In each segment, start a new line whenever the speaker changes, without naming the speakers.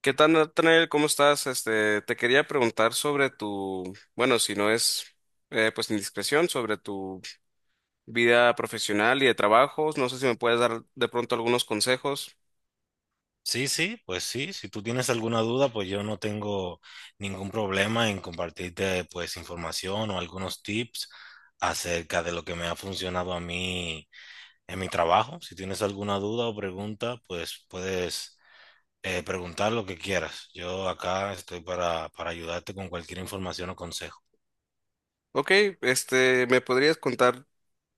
¿Qué tal, Nathaniel? ¿Cómo estás? Este, te quería preguntar sobre bueno, si no es pues indiscreción, sobre tu vida profesional y de trabajos. No sé si me puedes dar de pronto algunos consejos.
Sí, sí, pues sí, si tú tienes alguna duda, pues yo no tengo ningún problema en compartirte pues información o algunos tips acerca de lo que me ha funcionado a mí en mi trabajo. Si tienes alguna duda o pregunta, pues puedes preguntar lo que quieras. Yo acá estoy para ayudarte con cualquier información o consejo.
Ok, este, ¿me podrías contar,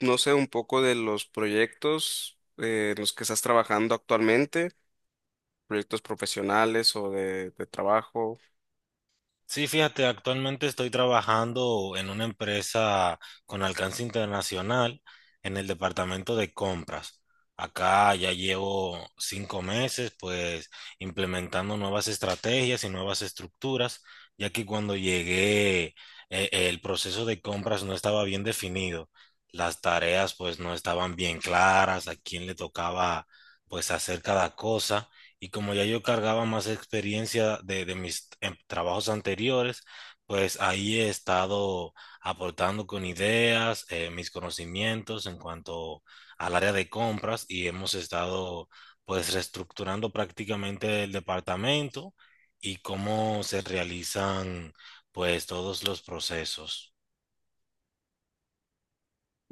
no sé, un poco de los proyectos en los que estás trabajando actualmente? Proyectos profesionales o de trabajo.
Sí, fíjate, actualmente estoy trabajando en una empresa con alcance internacional en el departamento de compras. Acá ya llevo 5 meses, pues, implementando nuevas estrategias y nuevas estructuras, ya que cuando llegué, el proceso de compras no estaba bien definido. Las tareas, pues, no estaban bien claras, a quién le tocaba, pues, hacer cada cosa. Y como ya yo cargaba más experiencia de mis trabajos anteriores, pues ahí he estado aportando con ideas, mis conocimientos en cuanto al área de compras y hemos estado pues reestructurando prácticamente el departamento y cómo se realizan pues todos los procesos.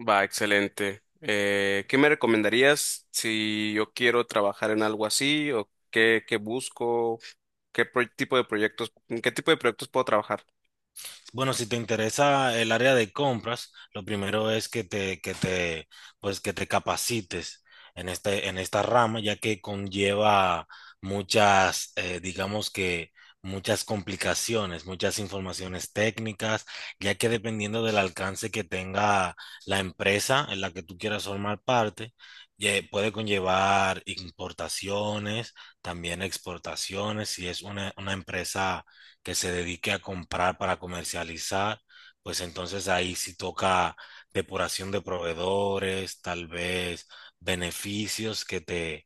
Va, excelente. ¿Qué me recomendarías si yo quiero trabajar en algo así o qué busco? ¿ Tipo de proyectos, ¿en qué tipo de proyectos puedo trabajar?
Bueno, si te interesa el área de compras, lo primero es pues que te capacites en esta rama, ya que conlleva muchas, digamos que muchas complicaciones, muchas informaciones técnicas, ya que dependiendo del alcance que tenga la empresa en la que tú quieras formar parte, puede conllevar importaciones, también exportaciones, si es una empresa que se dedique a comprar para comercializar, pues entonces ahí sí toca depuración de proveedores, tal vez beneficios que te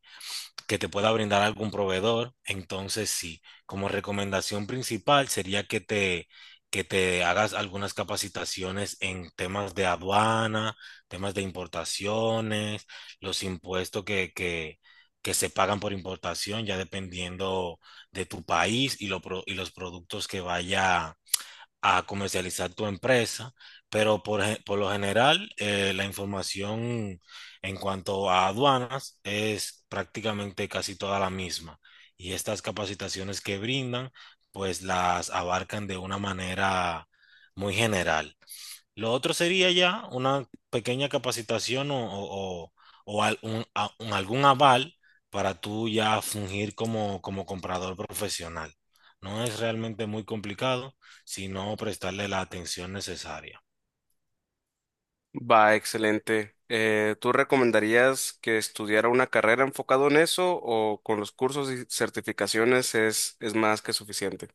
que te pueda brindar algún proveedor. Entonces, sí, como recomendación principal sería que te hagas algunas capacitaciones en temas de aduana, temas de importaciones, los impuestos que se pagan por importación, ya dependiendo de tu país y, y los productos que vaya a comercializar tu empresa, pero por lo general la información en cuanto a aduanas es prácticamente casi toda la misma y estas capacitaciones que brindan pues las abarcan de una manera muy general. Lo otro sería ya una pequeña capacitación o algún aval para tú ya fungir como comprador profesional. No es realmente muy complicado, sino prestarle la atención necesaria.
Va, excelente. ¿Tú recomendarías que estudiara una carrera enfocado en eso o con los cursos y certificaciones es más que suficiente?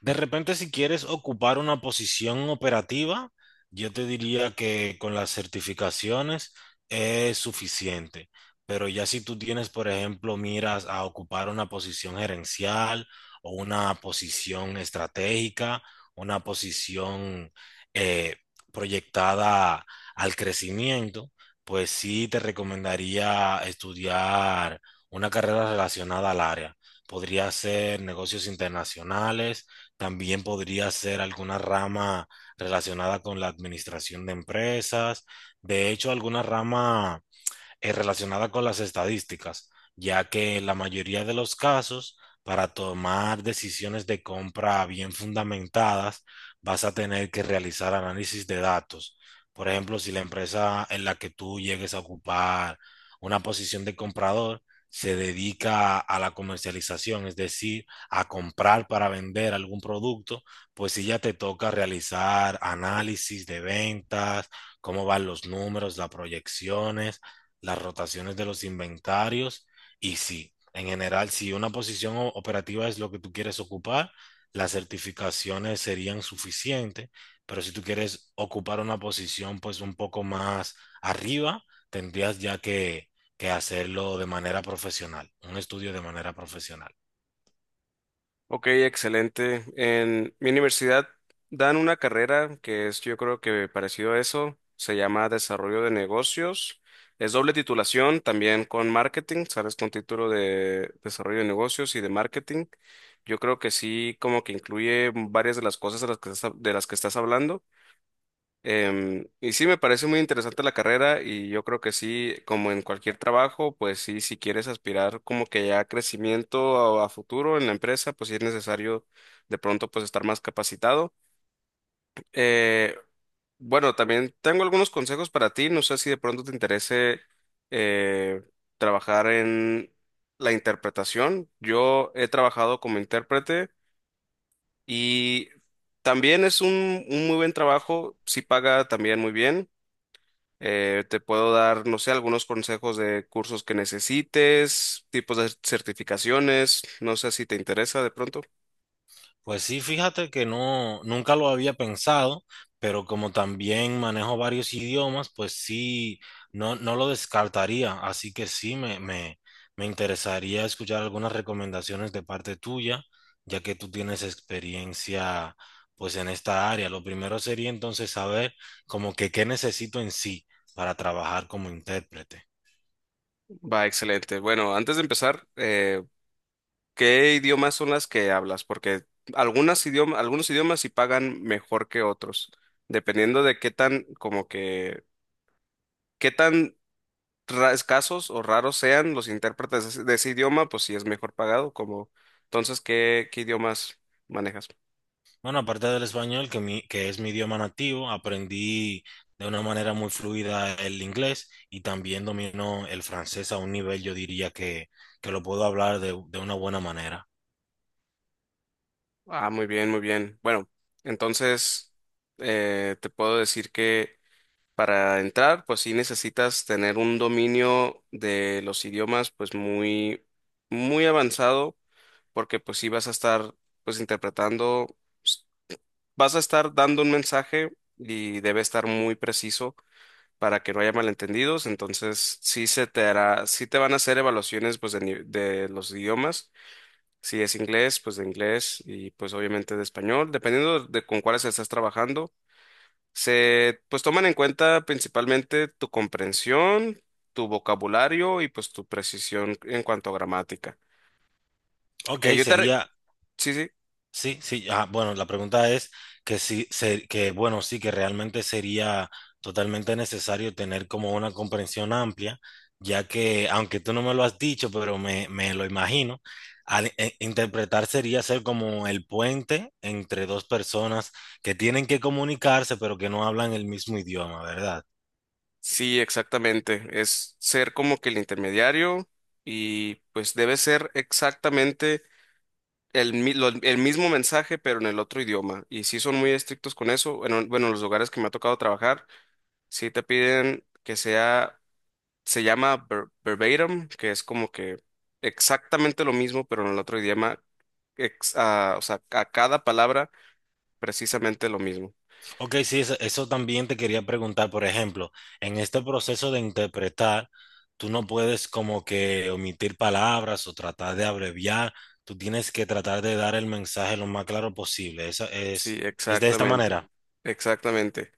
De repente, si quieres ocupar una posición operativa, yo te diría que con las certificaciones es suficiente. Pero ya si tú tienes, por ejemplo, miras a ocupar una posición gerencial o una posición estratégica, una posición eh, proyectada al crecimiento, pues sí te recomendaría estudiar una carrera relacionada al área. Podría ser negocios internacionales, también podría ser alguna rama relacionada con la administración de empresas. De hecho, alguna rama relacionada con las estadísticas, ya que en la mayoría de los casos, para tomar decisiones de compra bien fundamentadas, vas a tener que realizar análisis de datos. Por ejemplo, si la empresa en la que tú llegues a ocupar una posición de comprador se dedica a la comercialización, es decir, a comprar para vender algún producto, pues si ya te toca realizar análisis de ventas, cómo van los números, las proyecciones, las rotaciones de los inventarios y sí, en general, si una posición operativa es lo que tú quieres ocupar, las certificaciones serían suficientes, pero si tú quieres ocupar una posición pues un poco más arriba, tendrías ya que hacerlo de manera profesional, un estudio de manera profesional.
Ok, excelente. En mi universidad dan una carrera que es, yo creo que parecido a eso, se llama Desarrollo de Negocios. Es doble titulación, también con marketing, sales con título de Desarrollo de Negocios y de Marketing. Yo creo que sí, como que incluye varias de las cosas de las que de las que estás hablando. Y sí, me parece muy interesante la carrera y yo creo que sí, como en cualquier trabajo, pues sí, si quieres aspirar como que ya a crecimiento a futuro en la empresa, pues sí es necesario de pronto pues estar más capacitado. Eh, bueno, también tengo algunos consejos para ti, no sé si de pronto te interese eh, trabajar en la interpretación. Yo he trabajado como intérprete y también es un muy buen trabajo, sí paga también muy bien. Te puedo dar, no sé, algunos consejos de cursos que necesites, tipos de certificaciones, no sé si te interesa de pronto.
Pues sí, fíjate que no, nunca lo había pensado, pero como también manejo varios idiomas, pues sí, no, no lo descartaría. Así que sí, me interesaría escuchar algunas recomendaciones de parte tuya, ya que tú tienes experiencia pues en esta área. Lo primero sería entonces saber como que qué necesito en sí para trabajar como intérprete.
Va, excelente. Bueno, antes de empezar, ¿qué idiomas son las que hablas? Porque algunos idiomas sí pagan mejor que otros, dependiendo de qué tan, como que, qué tan escasos o raros sean los intérpretes de de ese idioma, pues sí es mejor pagado, como, entonces, ¿ qué idiomas manejas?
Bueno, aparte del español, que es mi idioma nativo, aprendí de una manera muy fluida el inglés y también domino el francés a un nivel, yo diría que lo puedo hablar de una buena manera.
Ah, muy bien, muy bien. Bueno, entonces te puedo decir que para entrar, pues sí necesitas tener un dominio de los idiomas, pues muy avanzado, porque pues sí vas a estar, pues interpretando, s- vas a estar dando un mensaje y debe estar muy preciso para que no haya malentendidos. Entonces sí se te hará, sí te van a hacer evaluaciones, pues de los idiomas, si es inglés, pues de inglés y pues obviamente de español, dependiendo de con cuáles estás trabajando. Se pues toman en cuenta principalmente tu comprensión, tu vocabulario y pues tu precisión en cuanto a gramática.
Ok,
Eh, yo te re-
sería.
sí, sí,
Sí, sí, ah, bueno, la pregunta es que bueno, sí, que realmente sería totalmente necesario tener como una comprensión amplia, ya que, aunque tú no me lo has dicho, pero me lo imagino, interpretar sería ser como el puente entre dos personas que tienen que comunicarse, pero que no hablan el mismo idioma, ¿verdad?
sí, exactamente. Es ser como que el intermediario y pues debe ser exactamente el mismo mensaje pero en el otro idioma. Y sí son muy estrictos con eso. Bueno, bueno, los lugares que me ha tocado trabajar, sí te piden que sea, se llama verbatim, que es como que exactamente lo mismo, pero en el otro idioma, o sea, a cada palabra precisamente lo mismo.
Ok, sí, eso también te quería preguntar, por ejemplo, en este proceso de interpretar, tú no puedes como que omitir palabras o tratar de abreviar, tú tienes que tratar de dar el mensaje lo más claro posible. Esa
Sí,
es de esta
exactamente,
manera.
exactamente.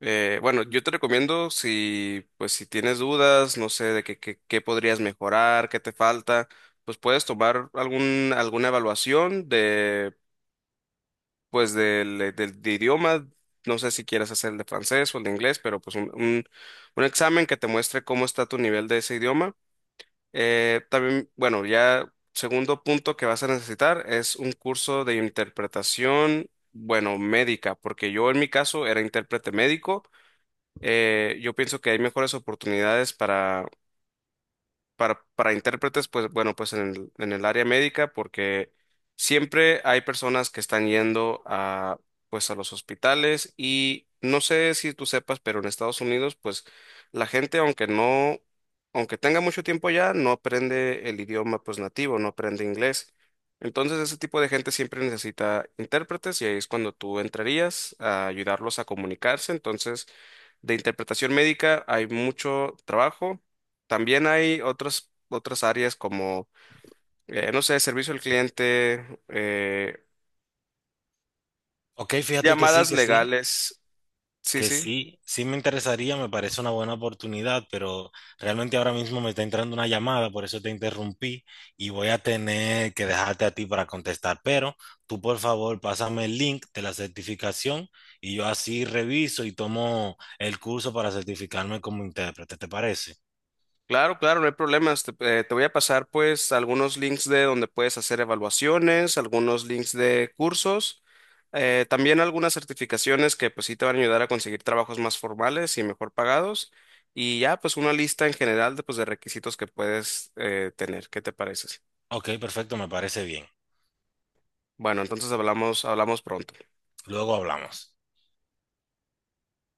Bueno, yo te recomiendo si, pues, si tienes dudas, no sé, de qué podrías mejorar, qué te falta, pues puedes tomar alguna evaluación pues de idioma, no sé si quieras hacer el de francés o el de inglés, pero pues un examen que te muestre cómo está tu nivel de ese idioma. También, bueno, ya segundo punto que vas a necesitar es un curso de interpretación, bueno, médica, porque yo en mi caso era intérprete médico. Yo pienso que hay mejores oportunidades para intérpretes, pues bueno, pues en en el área médica, porque siempre hay personas que están yendo pues a los hospitales y no sé si tú sepas, pero en Estados Unidos, pues la gente, aunque no, aunque tenga mucho tiempo ya, no aprende el idioma, pues nativo, no aprende inglés. Entonces, ese tipo de gente siempre necesita intérpretes y ahí es cuando tú entrarías a ayudarlos a comunicarse. Entonces, de interpretación médica hay mucho trabajo, también hay otras áreas como, no sé, servicio al cliente,
Ok, fíjate que sí,
llamadas
que sí.
legales. Sí,
Que
sí.
sí, sí me interesaría, me parece una buena oportunidad, pero realmente ahora mismo me está entrando una llamada, por eso te interrumpí y voy a tener que dejarte a ti para contestar. Pero tú, por favor, pásame el link de la certificación y yo así reviso y tomo el curso para certificarme como intérprete, ¿te parece?
Claro, claro, no hay problemas. Te voy a pasar pues algunos links de donde puedes hacer evaluaciones, algunos links de cursos, también algunas certificaciones que pues sí te van a ayudar a conseguir trabajos más formales y mejor pagados. Y ya pues una lista en general de, pues, de requisitos que puedes tener. ¿Qué te parece?
Ok, perfecto, me parece bien.
Bueno, entonces hablamos, hablamos pronto.
Luego hablamos.